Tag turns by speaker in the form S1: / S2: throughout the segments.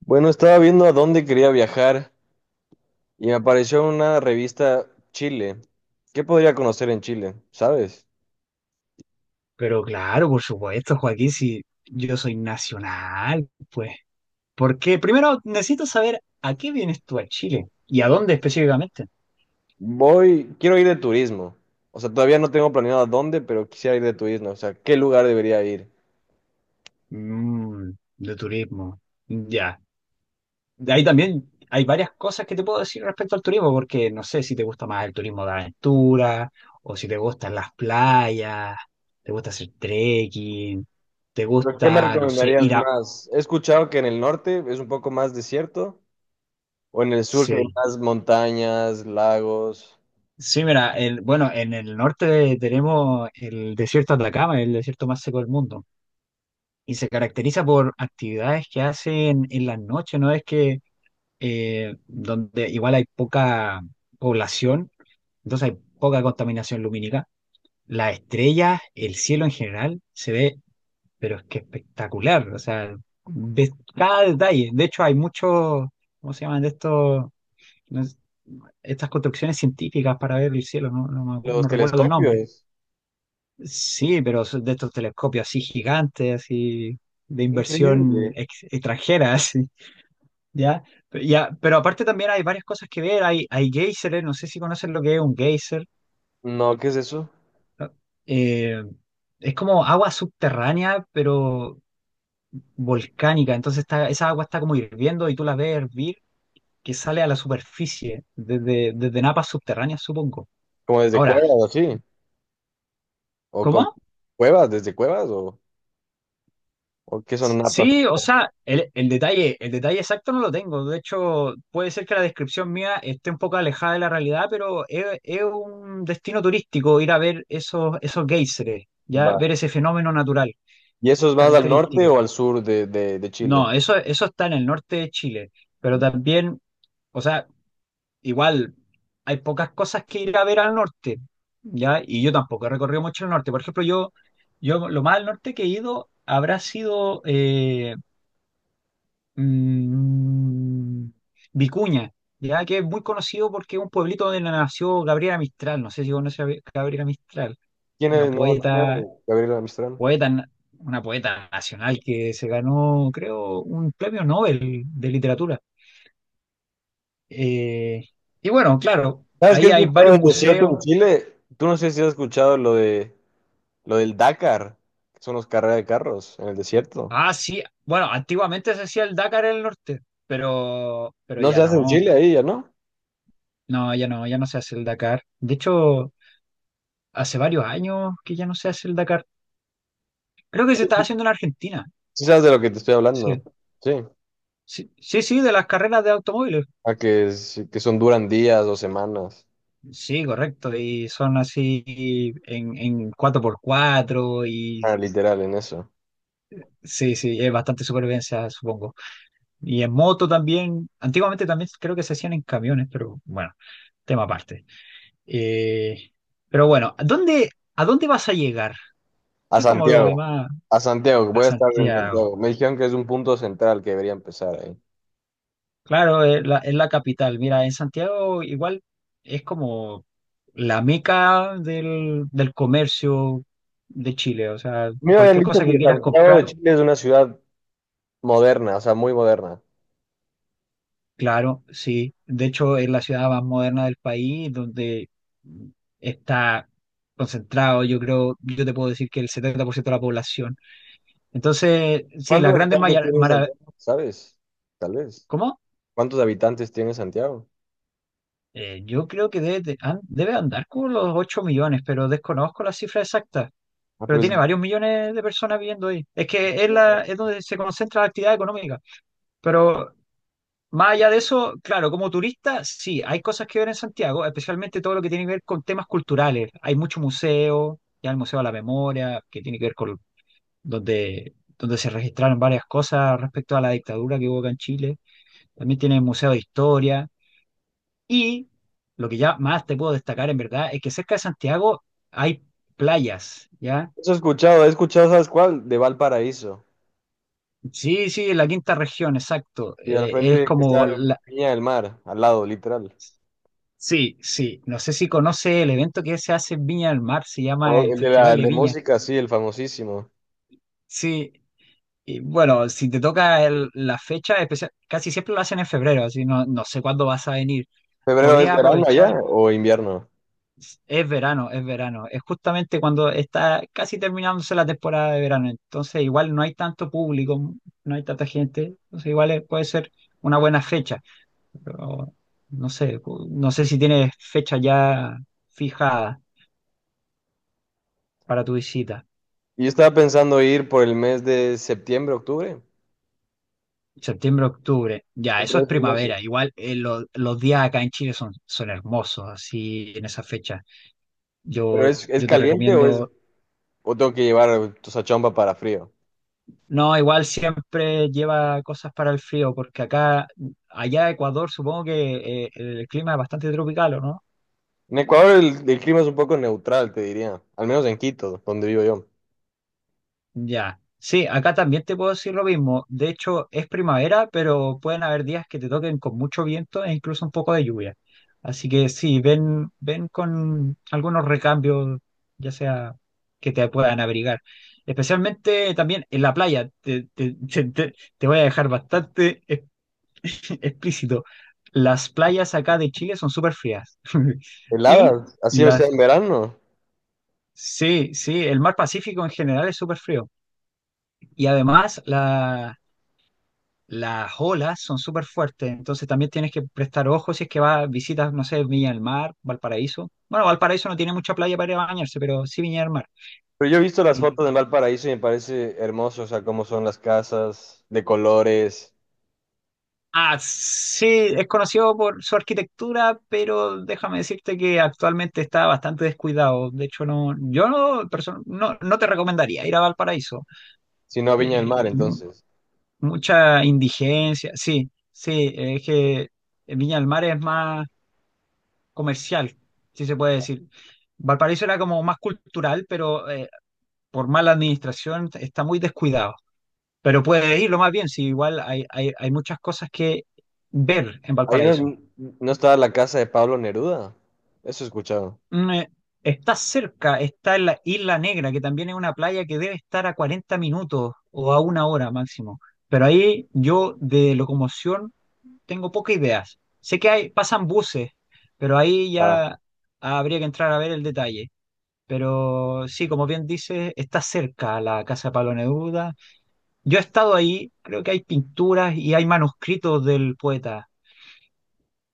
S1: Bueno, estaba viendo a dónde quería viajar y me apareció una revista Chile. ¿Qué podría conocer en Chile? ¿Sabes?
S2: Pero claro, por supuesto, Joaquín, si yo soy nacional, pues. Porque primero necesito saber a qué vienes tú a Chile y a dónde específicamente.
S1: Voy, quiero ir de turismo. O sea, todavía no tengo planeado a dónde, pero quisiera ir de turismo. O sea, ¿qué lugar debería ir?
S2: Mm, de turismo. Ya. De ahí también hay varias cosas que te puedo decir respecto al turismo, porque no sé si te gusta más el turismo de aventura o si te gustan las playas, te gusta hacer trekking, te
S1: ¿Pero qué me
S2: gusta, no sé,
S1: recomendarías
S2: ir a.
S1: más? He escuchado que en el norte es un poco más desierto, o en el sur que hay
S2: Sí.
S1: más montañas, lagos,
S2: Sí, mira, bueno, en el norte tenemos el desierto de Atacama, el desierto más seco del mundo, y se caracteriza por actividades que hacen en las noches, ¿no? Es que donde igual hay poca población, entonces hay poca contaminación lumínica. Las estrellas, el cielo en general, se ve, pero es que espectacular, o sea, ves cada detalle. De hecho, hay muchos, ¿cómo se llaman de estos? No es- Estas construcciones científicas para ver el cielo, no,
S1: los
S2: no recuerdo el nombre.
S1: telescopios.
S2: Sí, pero son de estos telescopios así gigantes, así de inversión
S1: Increíble.
S2: extranjera, así, ¿ya? Ya, pero aparte también hay varias cosas que ver, hay géiseres, no sé si conocen lo que es un geyser.
S1: No, ¿qué es eso?
S2: eh, es como agua subterránea, pero volcánica, entonces está, esa agua está como hirviendo y tú la ves hervir, que sale a la superficie, desde napas subterráneas, supongo.
S1: ¿Como desde
S2: Ahora,
S1: cuevas o así? ¿O como
S2: ¿cómo?
S1: cuevas, desde cuevas o...? ¿O qué son napas?
S2: Sí, o sea, el detalle exacto no lo tengo. De hecho, puede ser que la descripción mía esté un poco alejada de la realidad, pero es un destino turístico ir a ver esos géiseres, ya
S1: Va.
S2: ver ese fenómeno natural
S1: ¿Y eso es más al norte
S2: característico.
S1: o al sur de, de Chile?
S2: No, eso está en el norte de Chile, pero
S1: Va.
S2: también, o sea, igual hay pocas cosas que ir a ver al norte, ya, y yo tampoco he recorrido mucho el norte. Por ejemplo, yo lo más al norte que he ido habrá sido mm, Vicuña, ya que es muy conocido porque es un pueblito donde nació Gabriela Mistral. No sé si conoce a Gabriela Mistral,
S1: ¿Quién
S2: una
S1: es? No, ¿quién era
S2: poeta,
S1: Gabriela Mistral?
S2: poeta, na- una poeta nacional que se ganó, creo, un premio Nobel de literatura. Eh, y bueno, claro,
S1: ¿Sabes qué
S2: ahí
S1: he
S2: hay
S1: escuchado
S2: varios
S1: del desierto
S2: museos.
S1: en Chile? Tú no sé si has escuchado lo de lo del Dakar, que son los carreras de carros en el desierto.
S2: Ah, sí, bueno, antiguamente se hacía el Dakar en el norte, pero
S1: No
S2: ya
S1: se hace en
S2: no,
S1: Chile ahí, ¿ya no?
S2: no, ya no, ya no se hace el Dakar. De hecho, hace varios años que ya no se hace el Dakar. Creo que se estaba haciendo en Argentina.
S1: Sí sabes de lo que te estoy
S2: Sí.
S1: hablando. Sí.
S2: Sí, sí, sí, de las carreras de automóviles.
S1: A que, que son duran días o semanas.
S2: Sí, correcto. Y son así en cuatro por cuatro y
S1: Ah, literal, en eso.
S2: sí, sí, es bastante supervivencia, supongo. Y en moto también. Antiguamente también creo que se hacían en camiones, pero bueno, tema aparte. Eh, pero bueno, ¿a dónde vas a llegar?
S1: A
S2: Eso es como lo que
S1: Santiago.
S2: más
S1: A Santiago,
S2: a
S1: voy a estar en
S2: Santiago.
S1: Santiago. Me dijeron que es un punto central que debería empezar ahí.
S2: Claro, es la capital. Mira, en Santiago igual es como la meca del comercio de Chile. O sea,
S1: Me habían
S2: cualquier
S1: dicho
S2: cosa que
S1: que
S2: quieras
S1: Santiago
S2: comprar,
S1: de Chile es una ciudad moderna, o sea, muy moderna.
S2: claro, sí. De hecho, es la ciudad más moderna del país, donde está concentrado, yo creo, yo te puedo decir que el 70% de la población. Entonces, sí, las
S1: ¿Cuántos
S2: grandes
S1: habitantes
S2: maravillas.
S1: tiene Santiago? ¿Sabes? Tal vez.
S2: ¿Cómo?
S1: ¿Cuántos habitantes tiene Santiago?
S2: Yo creo que debe andar con los 8 millones, pero desconozco la cifra exacta.
S1: Ah,
S2: Pero
S1: pero
S2: tiene varios millones de personas viviendo ahí. Es que es donde se concentra la actividad económica. Pero más allá de eso, claro, como turista, sí, hay cosas que ver en Santiago, especialmente todo lo que tiene que ver con temas culturales. Hay mucho museo, ya el Museo de la Memoria, que tiene que ver con donde se registraron varias cosas respecto a la dictadura que hubo acá en Chile. También tiene el Museo de Historia. Y lo que ya más te puedo destacar, en verdad, es que cerca de Santiago hay playas, ¿ya?
S1: Eso he escuchado, ¿sabes cuál? De Valparaíso.
S2: Sí, sí, la quinta región, exacto.
S1: Y del
S2: Es
S1: frente que
S2: como
S1: está
S2: la.
S1: Viña del Mar, al lado, literal.
S2: Sí, sí. No sé si conoce el evento que se hace en Viña del Mar, se
S1: O
S2: llama el Festival
S1: el
S2: de
S1: de
S2: Viña.
S1: música, sí, el famosísimo.
S2: Sí, y bueno, si te toca la fecha especial, casi siempre lo hacen en febrero, así no sé cuándo vas a venir.
S1: ¿Febrero es
S2: Podría
S1: verano allá
S2: aprovechar,
S1: o invierno?
S2: es verano, es verano. Es justamente cuando está casi terminándose la temporada de verano. Entonces igual no hay tanto público, no hay tanta gente. Entonces igual puede ser una buena fecha. Pero no sé, no sé si tienes fecha ya fijada para tu visita.
S1: Yo estaba pensando ir por el mes de septiembre, octubre.
S2: Septiembre, octubre. Ya,
S1: En
S2: eso es
S1: tres meses.
S2: primavera. Igual los días acá en Chile son hermosos, así en esa fecha.
S1: ¿Pero
S2: Yo,
S1: es
S2: yo te
S1: caliente o es
S2: recomiendo.
S1: O tengo que llevar tu sachompa para frío.
S2: No, igual siempre lleva cosas para el frío, porque acá, allá en Ecuador, supongo que el clima es bastante tropical, ¿o no?
S1: En Ecuador el clima es un poco neutral, te diría. Al menos en Quito, donde vivo yo.
S2: Ya. Sí, acá también te puedo decir lo mismo. De hecho, es primavera, pero pueden haber días que te toquen con mucho viento e incluso un poco de lluvia. Así que sí, ven, ven con algunos recambios, ya sea que te puedan abrigar. Especialmente también en la playa. Te voy a dejar bastante explícito. Las playas acá de Chile son súper frías. Y
S1: Heladas, así sea
S2: las.
S1: en verano.
S2: Sí, sí, el mar Pacífico en general es súper frío. Y además, las olas son súper fuertes, entonces también tienes que prestar ojo si es que vas, visitas, no sé, Viña del Mar, Valparaíso. Bueno, Valparaíso no tiene mucha playa para ir a bañarse, pero sí Viña del Mar.
S1: Pero yo he visto las
S2: Y-
S1: fotos en Valparaíso y me parece hermoso, o sea, cómo son las casas, de colores.
S2: Ah, sí, es conocido por su arquitectura, pero déjame decirte que actualmente está bastante descuidado. De hecho, no, yo no, no te recomendaría ir a Valparaíso.
S1: Si no, Viña del Mar,
S2: Eh, mu-
S1: entonces.
S2: mucha indigencia, sí, sí, es que Viña del Mar es más comercial, si se puede decir. Valparaíso era como más cultural, pero por mala administración está muy descuidado. Pero puede irlo más bien, si igual hay muchas cosas que ver en
S1: Ahí no,
S2: Valparaíso.
S1: no estaba la casa de Pablo Neruda. Eso he escuchado.
S2: Mm, eh, está cerca, está en la Isla Negra, que también es una playa que debe estar a 40 minutos o a una hora máximo. Pero ahí yo de locomoción tengo pocas ideas. Sé que hay, pasan buses, pero ahí
S1: Ah,
S2: ya habría que entrar a ver el detalle. Pero sí, como bien dice, está cerca la casa de Pablo Neruda. Yo he estado ahí, creo que hay pinturas y hay manuscritos del poeta.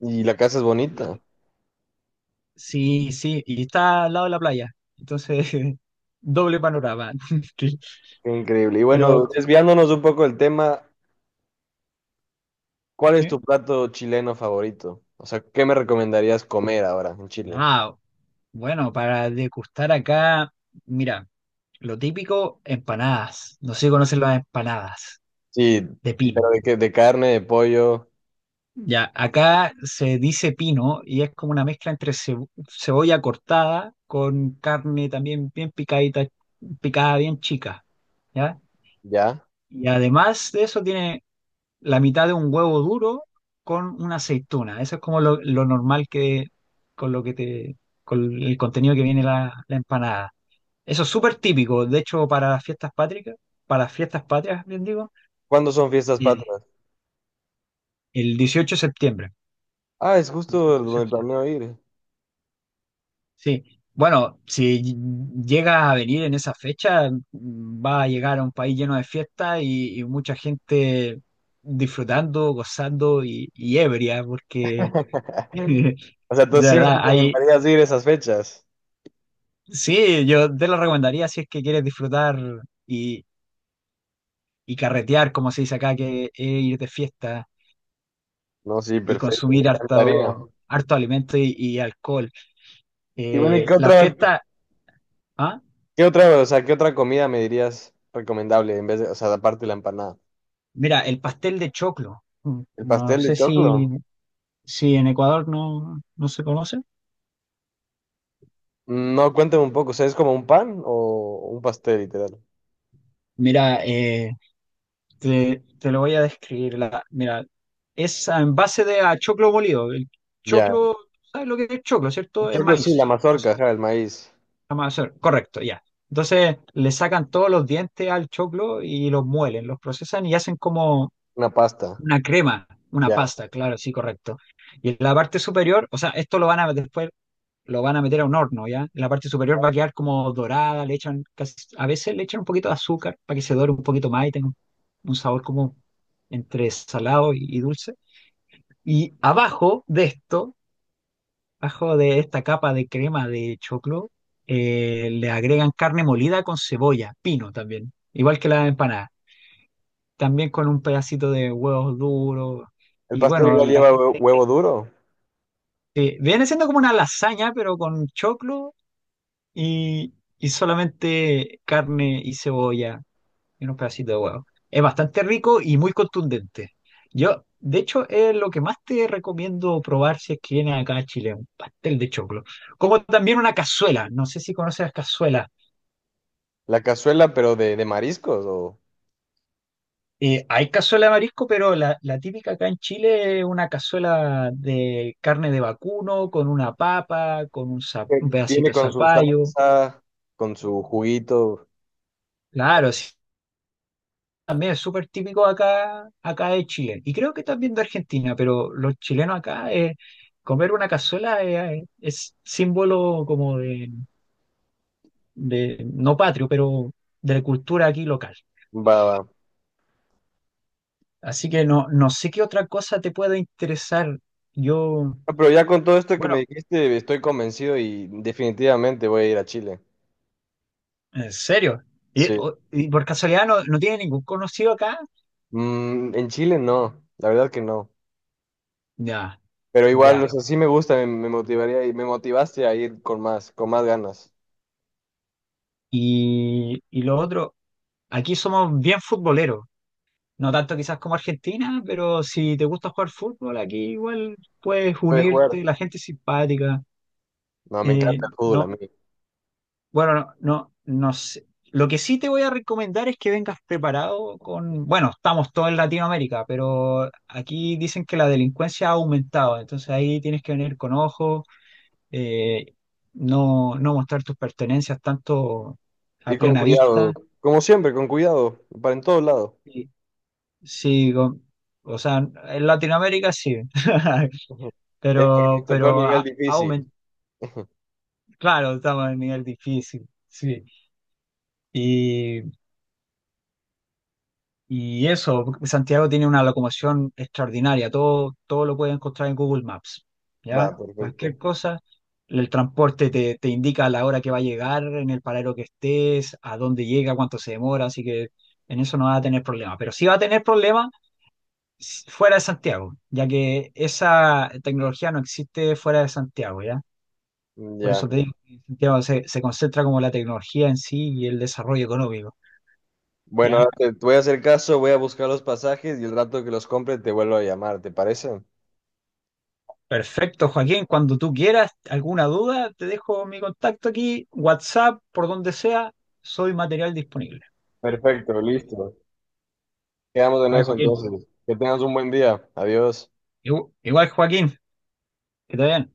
S1: y la casa es bonita.
S2: Lo- Sí, sí, y está al lado de la playa. Entonces, doble panorama. Sí,
S1: Qué increíble. Y
S2: pero,
S1: bueno, desviándonos un poco del tema, ¿cuál es
S2: ¿sí?
S1: tu plato chileno favorito? O sea, ¿qué me recomendarías comer ahora en Chile?
S2: Ah, bueno, para degustar acá, mira, lo típico, empanadas. No sé si conocen las empanadas
S1: Sí,
S2: de
S1: pero
S2: pino.
S1: de, que, de carne, de pollo,
S2: Ya, acá se dice pino y es como una mezcla entre cebolla cortada con carne también bien picadita, picada bien chica, ¿ya?
S1: ya.
S2: Y además de eso tiene la mitad de un huevo duro con una aceituna. Eso es como lo normal que con lo que te con el contenido que viene la empanada. Eso es súper típico, de hecho para las fiestas patrias, para las fiestas patrias, bien digo,
S1: ¿Cuándo son fiestas
S2: eh,
S1: patrias?
S2: el 18 de septiembre.
S1: Ah, es
S2: 18
S1: justo
S2: de
S1: donde
S2: septiembre.
S1: planeo ir.
S2: Sí, bueno, si llega a venir en esa fecha, mm, va a llegar a un país lleno de fiestas y mucha gente disfrutando, gozando y ebria, porque
S1: O sea, tú
S2: de
S1: sí me
S2: verdad, hay,
S1: recomendarías ir esas fechas.
S2: sí, yo te lo recomendaría si es que quieres disfrutar y, y carretear, como se dice acá, que es ir de fiesta
S1: No, sí,
S2: y
S1: perfecto, me
S2: consumir
S1: encantaría.
S2: harto, harto alimento y alcohol.
S1: Y bueno, ¿y
S2: La fiesta, ¿ah?
S1: qué otra, o sea, qué otra comida me dirías recomendable en vez de, o sea, aparte de la empanada?
S2: Mira, el pastel de choclo.
S1: ¿El
S2: No
S1: pastel de
S2: sé si.
S1: choclo?
S2: Sí, en Ecuador no, no se conoce.
S1: No, cuéntame un poco, o sea, ¿es como un pan o un pastel, literal?
S2: Mira, te lo voy a describir. Mira, es en base de a choclo molido. El
S1: Ya,
S2: choclo, ¿sabes lo que es choclo,
S1: el
S2: cierto? Es
S1: choclo sí, la
S2: maíz. No sé,
S1: mazorca, ajá, el maíz,
S2: vamos hacer. Correcto, ya. Entonces le sacan todos los dientes al choclo y los muelen, los procesan y hacen como
S1: una pasta,
S2: una crema, una
S1: ya.
S2: pasta, claro, sí, correcto. Y en la parte superior, o sea, esto lo van a después lo van a meter a un horno, ¿ya? En la parte superior va a quedar como dorada, le echan, casi, a veces le echan un poquito de azúcar para que se dore un poquito más y tenga un sabor como entre salado y dulce. Y abajo de esto, abajo de esta capa de crema de choclo, le agregan carne molida con cebolla, pino también, igual que la empanada, también con un pedacito de huevos duros.
S1: ¿El
S2: Y
S1: pastel
S2: bueno,
S1: igual
S2: la
S1: lleva
S2: gente.
S1: huevo duro?
S2: Viene siendo como una lasaña, pero con choclo y solamente carne y cebolla y unos pedacitos de huevo. Es bastante rico y muy contundente. Yo, de hecho, es lo que más te recomiendo probar si es que vienes acá a Chile, un pastel de choclo. Como también una cazuela, no sé si conoces las cazuelas.
S1: La cazuela, pero de mariscos, o
S2: Hay cazuela de marisco, pero la típica acá en Chile es una cazuela de carne de vacuno, con una papa, con un, za-
S1: que
S2: un pedacito
S1: viene
S2: de
S1: con su
S2: zapallo.
S1: salsa, con su juguito,
S2: Claro, sí, también es súper típico acá, acá de Chile. Y creo que también de Argentina, pero los chilenos acá, comer una cazuela es símbolo como de, no patrio, pero de la cultura aquí local.
S1: va, va.
S2: Así que no, no sé qué otra cosa te pueda interesar. Yo,
S1: Ah, pero ya con todo esto que me
S2: bueno,
S1: dijiste, estoy convencido y definitivamente voy a ir a Chile.
S2: en serio. ¿Y,
S1: Sí.
S2: y por casualidad no, no tiene ningún conocido acá?
S1: Mm, en Chile no, la verdad que no.
S2: Ya,
S1: Pero igual, o
S2: ya.
S1: sea, sí me gusta, me motivaría y me motivaste a ir con más ganas.
S2: Y lo otro, aquí somos bien futboleros. No tanto quizás como Argentina, pero si te gusta jugar fútbol, aquí igual puedes
S1: Puede jugar.
S2: unirte, la gente es simpática.
S1: No, me encanta el fútbol a
S2: No,
S1: mí.
S2: bueno, no, no sé. Lo que sí te voy a recomendar es que vengas preparado con, bueno, estamos todos en Latinoamérica, pero aquí dicen que la delincuencia ha aumentado, entonces ahí tienes que venir con ojo, eh, no, mostrar tus pertenencias tanto a
S1: Ir con
S2: plena
S1: cuidado,
S2: vista.
S1: como siempre, con cuidado, para en todos lados.
S2: Y, sí, o sea, en Latinoamérica sí.
S1: Esto
S2: Pero,
S1: tocó nivel difícil.
S2: aumentado, claro, estamos en el nivel difícil, sí. Y, y eso, Santiago tiene una locomoción extraordinaria, todo lo puedes encontrar en Google Maps, ¿ya?
S1: Va, perfecto.
S2: Cualquier cosa, el transporte te indica la hora que va a llegar, en el paradero que estés, a dónde llega, cuánto se demora, así que en eso no va a tener problema. Pero sí va a tener problema fuera de Santiago, ya que esa tecnología no existe fuera de Santiago, ¿ya? Por
S1: Ya.
S2: eso te digo que Santiago se, se concentra como la tecnología en sí y el desarrollo económico.
S1: Bueno,
S2: ¿Ya?
S1: ahora te, te voy a hacer caso, voy a buscar los pasajes y el rato que los compre te vuelvo a llamar, ¿te parece?
S2: Perfecto, Joaquín. Cuando tú quieras, alguna duda, te dejo mi contacto aquí, WhatsApp, por donde sea, soy material disponible.
S1: Perfecto, listo. Quedamos en
S2: Vale,
S1: eso
S2: Joaquín.
S1: entonces. Que tengas un buen día. Adiós.
S2: Igual, Joaquín, que te vaya bien.